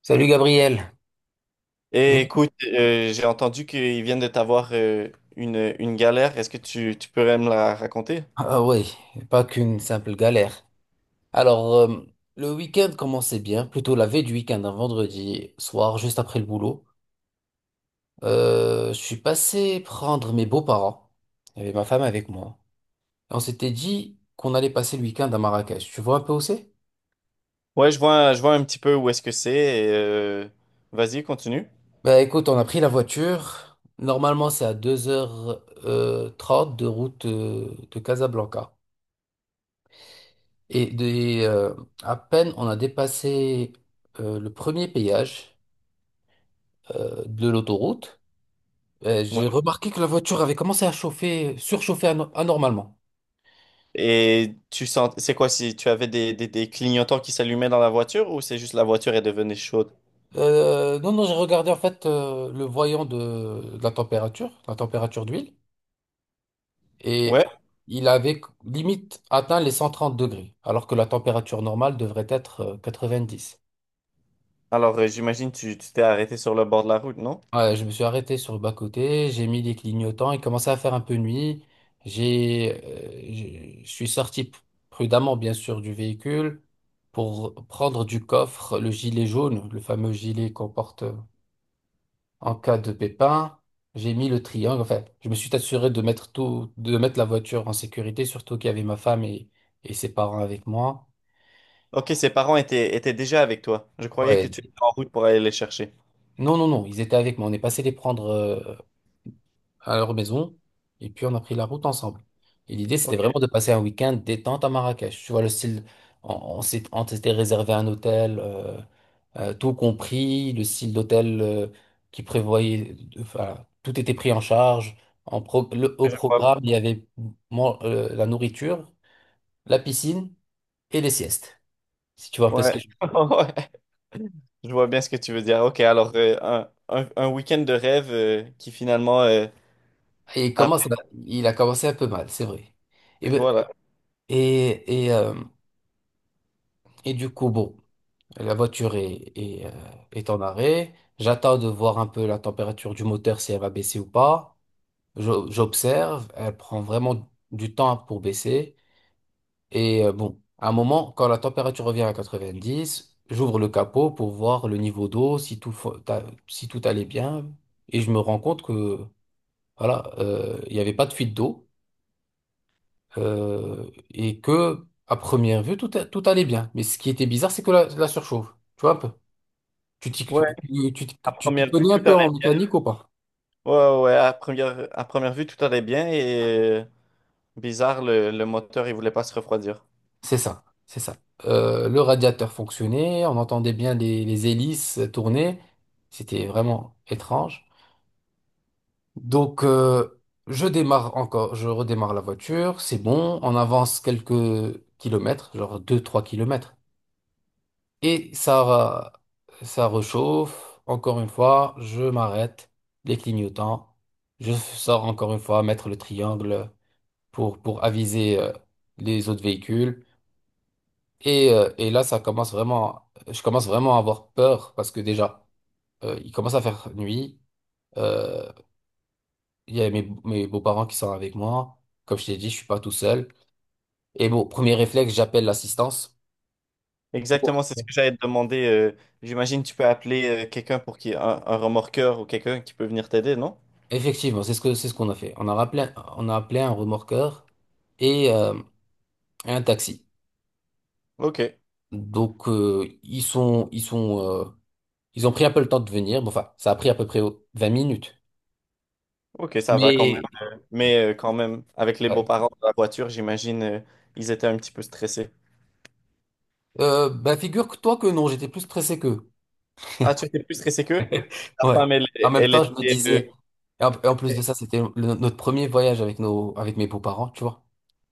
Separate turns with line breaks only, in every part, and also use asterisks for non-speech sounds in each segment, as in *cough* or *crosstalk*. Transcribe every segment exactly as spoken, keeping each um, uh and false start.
Salut Gabriel. Je-
Et
vous-
écoute, euh, j'ai entendu qu'ils viennent de t'avoir euh, une, une galère. Est-ce que tu, tu pourrais me la raconter?
Ah oui, pas qu'une simple galère. Alors, euh, le week-end commençait bien, plutôt la veille du week-end, un vendredi soir, juste après le boulot. Euh, je suis passé prendre mes beaux-parents. Il y avait ma femme avec moi. Et on s'était dit qu'on allait passer le week-end à Marrakech. Tu vois un peu où c'est?
Ouais, je vois, je vois un petit peu où est-ce que c'est. Et, euh, vas-y, continue.
Bah écoute, on a pris la voiture. Normalement, c'est à deux heures euh, trente de route euh, de Casablanca. Et des, euh, à peine on a dépassé euh, le premier péage euh, de l'autoroute, euh,
Ouais.
j'ai remarqué que la voiture avait commencé à chauffer, surchauffer ano- anormalement.
Et tu sens, c'est quoi si tu avais des, des, des clignotants qui s'allumaient dans la voiture ou c'est juste la voiture est devenue chaude?
Euh, non, non, j'ai regardé en fait euh, le voyant de, de la température, la température d'huile,
Ouais.
et il avait limite atteint les cent trente degrés, alors que la température normale devrait être euh, quatre-vingt-dix.
Alors, euh, j'imagine tu tu t'es arrêté sur le bord de la route, non?
Ouais, je me suis arrêté sur le bas-côté, j'ai mis les clignotants, il commençait à faire un peu nuit. J'ai, euh, j'ai- je suis sorti p- prudemment, bien sûr, du véhicule pour prendre du coffre le gilet jaune, le fameux gilet qu'on porte en cas de pépin. J'ai mis le triangle, enfin, je me suis assuré de mettre tout, de mettre la voiture en sécurité, surtout qu'il y avait ma femme et, et ses parents avec moi.
Ok, ses parents étaient, étaient déjà avec toi. Je croyais que
Ouais.
tu étais en route pour aller les chercher.
Non, non, non, ils étaient avec moi. On est passé les prendre euh, à leur maison et puis on a pris la route ensemble. Et l'idée, c'était
Ok,
vraiment de passer un week-end détente à Marrakech. Tu vois, le style, on, on s'est- on s'était réservé un hôtel, euh, euh, tout compris, le style d'hôtel euh, qui prévoyait, enfin, tout était pris en charge. En pro- le- au
je crois.
programme, il y avait man- euh, la nourriture, la piscine et les siestes, si tu vois un peu ce que
Ouais.
je...
*laughs* Ouais. Je vois bien ce que tu veux dire. Ok, alors euh, un, un, un week-end de rêve euh, qui finalement, euh,
Et
a-
comment ça- il a commencé un peu mal, c'est vrai. Et, ben-
voilà.
et, et, euh, et du coup, bon. La voiture est, est, euh, est en arrêt. J'attends de voir un peu la température du moteur, si elle va baisser ou pas. Je- J'observe, elle prend vraiment du temps pour baisser. Et euh, bon, à un moment, quand la température revient à quatre-vingt-dix, j'ouvre le capot pour voir le niveau d'eau, si tout, fo- ta- si tout allait bien. Et je me rends compte que, voilà, euh, il n'y avait pas de fuite d'eau. Euh, et que, à première vue, tout, a- tout allait bien. Mais ce qui était bizarre, c'est que la, la surchauffe. Tu vois un peu? Tu t'y tu-
Ouais, à
tu- tu- T'y
première vue,
connais un
tout
peu
allait
en
bien.
mécanique ou pas?
Ouais, ouais, ouais, à première, à première vue, tout allait bien et euh, bizarre, le, le moteur, il voulait pas se refroidir.
C'est ça, c'est ça. Euh, le radiateur fonctionnait, on entendait bien les, les hélices tourner. C'était vraiment étrange. Donc, euh, je démarre encore, je redémarre la voiture, c'est bon, on avance quelques kilomètres, genre deux, trois kilomètres. Et ça, ça rechauffe. Encore une fois, je m'arrête, les clignotants. Je sors encore une fois, mettre le triangle. pour, pour aviser euh, les autres véhicules. Et, euh, et là, ça commence vraiment, je commence vraiment à avoir peur parce que déjà, euh, il commence à faire nuit. Euh, il y a mes, mes beaux-parents qui sont avec moi. Comme je t'ai dit, je suis pas tout seul. Et bon, premier réflexe, j'appelle l'assistance. pour-
Exactement, c'est ce que j'allais te demander. euh, j'imagine que tu peux appeler euh, quelqu'un pour qui, un, un remorqueur ou quelqu'un qui peut venir t'aider, non?
Effectivement, c'est ce que, c'est ce qu'on a fait. On a rappelé, on a appelé un remorqueur et, euh, et un taxi.
Ok,
Donc, euh, ils sont, ils sont, euh, ils ont pris un peu le temps de venir. Bon, enfin, ça a pris à peu près vingt minutes.
ok, ça va quand même.
Mais,
Mais euh, quand même, avec les
ouais.
beaux-parents de la voiture, j'imagine, euh, ils étaient un petit peu stressés.
Euh, bah, figure-toi que non, j'étais plus pressé qu'eux.
Ah, tu étais plus stressé qu'eux? La
Ouais.
femme, elle,
En même
elle
temps, je me
était. Euh,
disais. Et en, et en plus de ça, c'était le- notre premier voyage avec nos, avec mes beaux-parents, tu vois.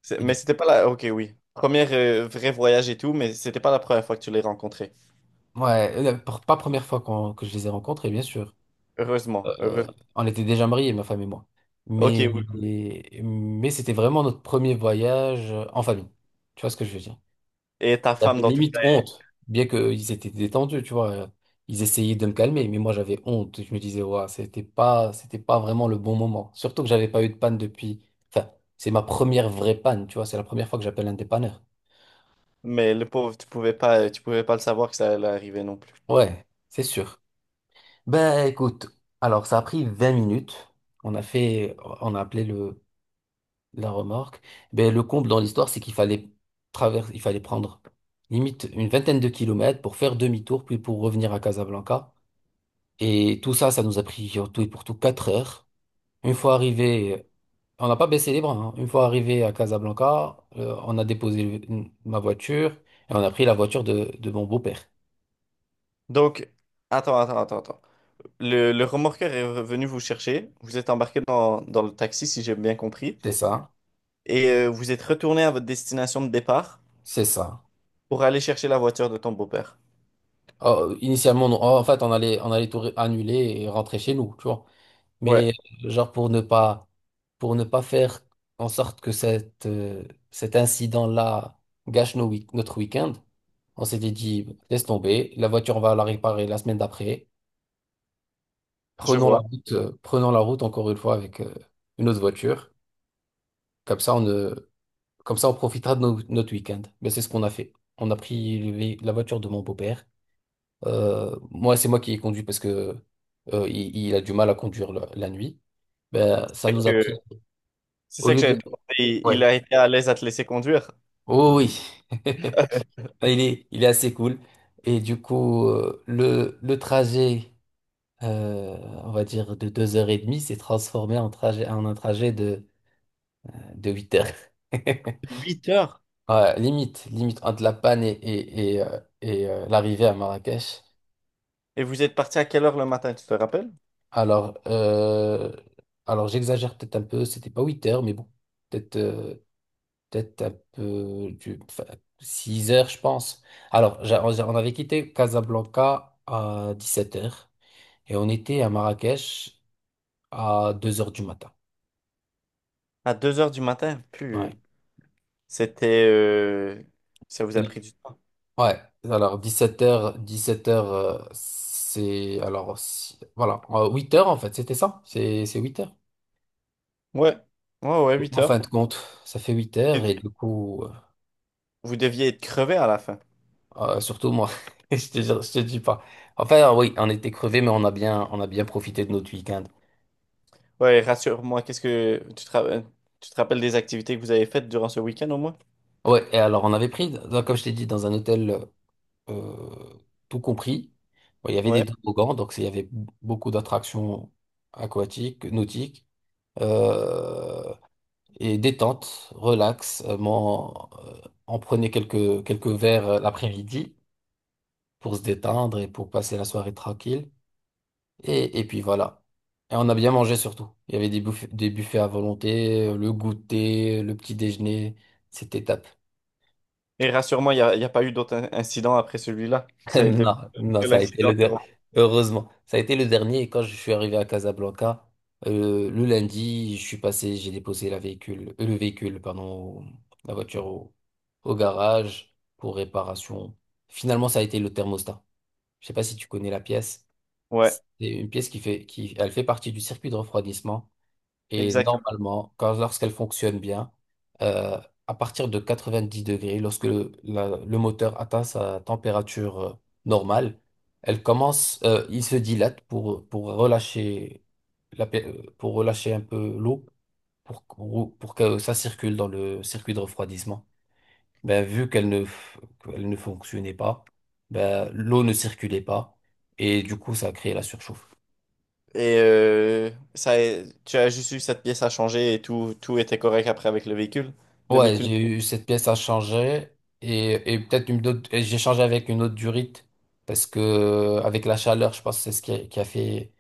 c'est-
Et
mais
du,
c'était pas la. Ok, oui. Premier euh, vrai voyage et tout, mais c'était pas la première fois que tu l'as rencontré.
ouais, la- pr- pas première fois qu'on- que je les ai rencontrés, bien sûr.
Heureusement.
Euh,
Heureusement.
on était déjà mariés, ma femme et moi.
Ok,
Mais,
oui.
mais c'était vraiment notre premier voyage euh, en famille. Tu vois ce que je veux dire?
Et ta femme
J'avais
dans tout.
limite honte, bien qu'ils étaient détendus, tu vois. Ils essayaient de me calmer, mais moi j'avais honte. Je me disais, ouais, c'était pas, c'était pas vraiment le bon moment. Surtout que j'avais pas eu de panne depuis. Enfin, c'est ma première vraie panne, tu vois. C'est la première fois que j'appelle un dépanneur.
Mais le pauvre, tu pouvais pas, tu pouvais pas le savoir que ça allait arriver non plus.
Ouais, c'est sûr. Ben écoute, alors ça a pris vingt minutes. On a fait, on a appelé le, la remorque. Ben le comble dans l'histoire, c'est qu'il fallait traverser, il fallait prendre limite une vingtaine de kilomètres pour faire demi-tour, puis pour revenir à Casablanca. Et tout ça, ça nous a pris en tout et pour tout quatre heures. Une fois arrivé, on n'a pas baissé les bras, hein. Une fois arrivé à Casablanca, euh, on a déposé le- ma voiture et on a pris la voiture de, de mon beau-père.
Donc, attends, attends, attends, attends. Le, le remorqueur est venu vous chercher. Vous êtes embarqué dans, dans le taxi, si j'ai bien compris.
C'est ça,
Et euh, vous êtes retourné à votre destination de départ
c'est ça.
pour aller chercher la voiture de ton beau-père.
Oh, initialement, non. Oh, en fait, on allait, on allait tout ré- annuler et rentrer chez nous, tu vois.
Ouais,
Mais genre pour ne pas, pour ne pas faire en sorte que cette, euh, cet incident-là gâche nos week- notre week-end, on s'était dit, laisse tomber, la voiture, on va la réparer la semaine d'après.
je
Prenons la
vois.
route, euh, prenons la route encore une fois avec euh, une autre voiture. Comme ça, on, ne- comme ça, on profitera de no- notre week-end. Mais c'est ce qu'on a fait. On a pris le vé- la voiture de mon beau-père. Euh, moi, c'est moi qui ai conduit parce que euh, il, il a du mal à conduire la, la nuit. Ben, ça nous a pris
C'est
au
ça que
lieu de.
j'avais demandé. Il il
Ouais.
a été à l'aise à te laisser conduire.
Oh oui. *laughs* Il est, il est assez cool. Et du coup, euh, le, le trajet, euh, on va dire de deux heures et demie, s'est transformé en trajet, en un trajet de de huit heures. *laughs*
Huit heures?
Ouais, limite, limite entre la panne et, et, et, euh, et, euh, l'arrivée à Marrakech.
Et vous êtes parti à quelle heure le matin, tu te rappelles?
Alors, euh, alors j'exagère peut-être un peu, c'était pas huit heures, mais bon, peut-être euh, peut-être un peu du, enfin, six heures, je pense. Alors, j'a- on on avait quitté Casablanca à dix-sept heures et on était à Marrakech à deux heures du matin.
À deux heures du matin.
Ouais.
Plus. C'était. Euh, Ça vous a pris du temps.
Ouais, alors dix-sept heures, dix-sept heures, c'est... Alors, si- voilà, huit heures en fait, c'était ça, c'est c'est huit heures.
Ouais. Ouais, ouais, huit
En fin de
heures.
compte, ça fait huit heures et
Devi-
du coup, euh,
Vous deviez être crevé à la fin.
euh, surtout moi, *laughs* je te, jure- je te dis pas. Enfin, oui, on était crevés, mais on a bien, on a bien profité de notre week-end.
Ouais, rassure-moi, qu'est-ce que. Tu te... ra- tu te rappelles des activités que vous avez faites durant ce week-end au moins?
Ouais, et alors on avait pris, donc, comme je t'ai dit, dans un hôtel euh, tout compris. Bon, il y avait
Ouais.
des toboggans, donc c'est- il y avait beaucoup d'attractions aquatiques, nautiques. Euh, et détente, relax. euh, mon- euh, on prenait quelques, quelques verres euh, l'après-midi pour se détendre et pour passer la soirée tranquille. Et, et puis voilà. Et on a bien mangé surtout. Il y avait des buffets, des buffets à volonté, euh, le goûter, le petit déjeuner. C'était top.
Et rassure-moi, il n'y a, il y a pas eu d'autres in- incidents après celui-là.
*laughs*
Ça a été
Non, non, ça a été
l'incident.
le dernier. Heureusement, ça a été le dernier. Et quand je suis arrivé à Casablanca, euh, le lundi, je suis passé, j'ai déposé la véhicule, euh, le véhicule, pardon, au- la voiture au, au garage pour réparation. Finalement, ça a été le thermostat. Je sais pas si tu connais la pièce. C'est
Ouais,
une pièce qui fait, qui, elle fait partie du circuit de refroidissement. Et
exact.
normalement, quand, lorsqu'elle fonctionne bien, euh, à partir de quatre-vingt-dix degrés, lorsque le, la- le moteur atteint sa température euh, normale, elle commence, euh, il se dilate pour, pour relâcher la, pe- euh, pour relâcher un peu l'eau, pour, qu'on- pour que ça circule dans le circuit de refroidissement. Ben, vu qu'elle ne, f- qu'elle ne fonctionnait pas, ben, l'eau ne circulait pas, et du coup, ça a créé la surchauffe.
Et euh, ça, tu as juste eu cette pièce à changer et tout, tout était correct après avec le véhicule. Le
Ouais,
véhicule.
j'ai eu cette pièce à changer et, et peut-être une autre, et j'ai changé avec une autre durite parce que euh, avec la chaleur, je pense que c'est ce qui a, qui a fait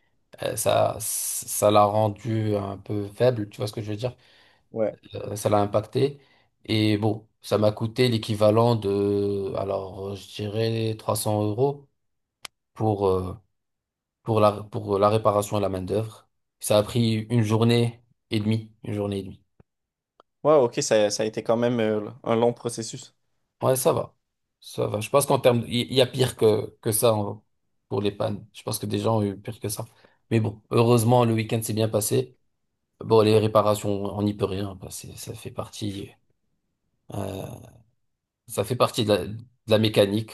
euh, ça, ça l'a rendu un peu faible, tu vois ce que je veux dire?
Ouais.
Euh, ça l'a impacté et bon, ça m'a coûté l'équivalent de, alors euh, je dirais trois cents euros pour, euh, pour la, pour la réparation et la main-d'œuvre. Ça a pris une journée et demie, une journée et demie.
Ouais, ok, ça, ça a été quand même euh, un long processus.
Ouais, ça va. Ça va. Je pense qu'en termes, il il y a pire que, que ça en- pour les pannes. Je pense que des gens ont eu pire que ça. Mais bon, heureusement, le week-end s'est bien passé. Bon, les réparations, on n'y peut rien. Bah, c'est- ça fait partie, euh, ça fait partie de la, de la mécanique.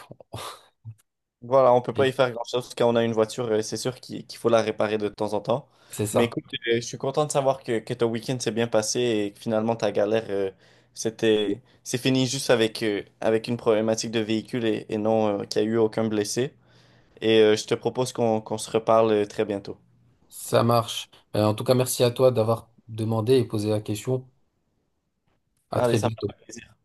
Voilà, on peut
Et
pas y faire grand-chose quand on a une voiture, euh, c'est sûr qu'il qu'il faut la réparer de temps en temps.
c'est
Mais
ça.
écoute, euh, je suis content de savoir que, que ton week-end s'est bien passé et que finalement ta galère, euh, c'était, c'est fini juste avec, euh, avec une problématique de véhicule et, et non euh, qu'il n'y a eu aucun blessé. Et euh, je te propose qu'on qu'on se reparle euh, très bientôt.
Ça marche. Euh, en tout cas, merci à toi d'avoir demandé et posé la question. À
Allez,
très
ça me
bientôt.
fait plaisir.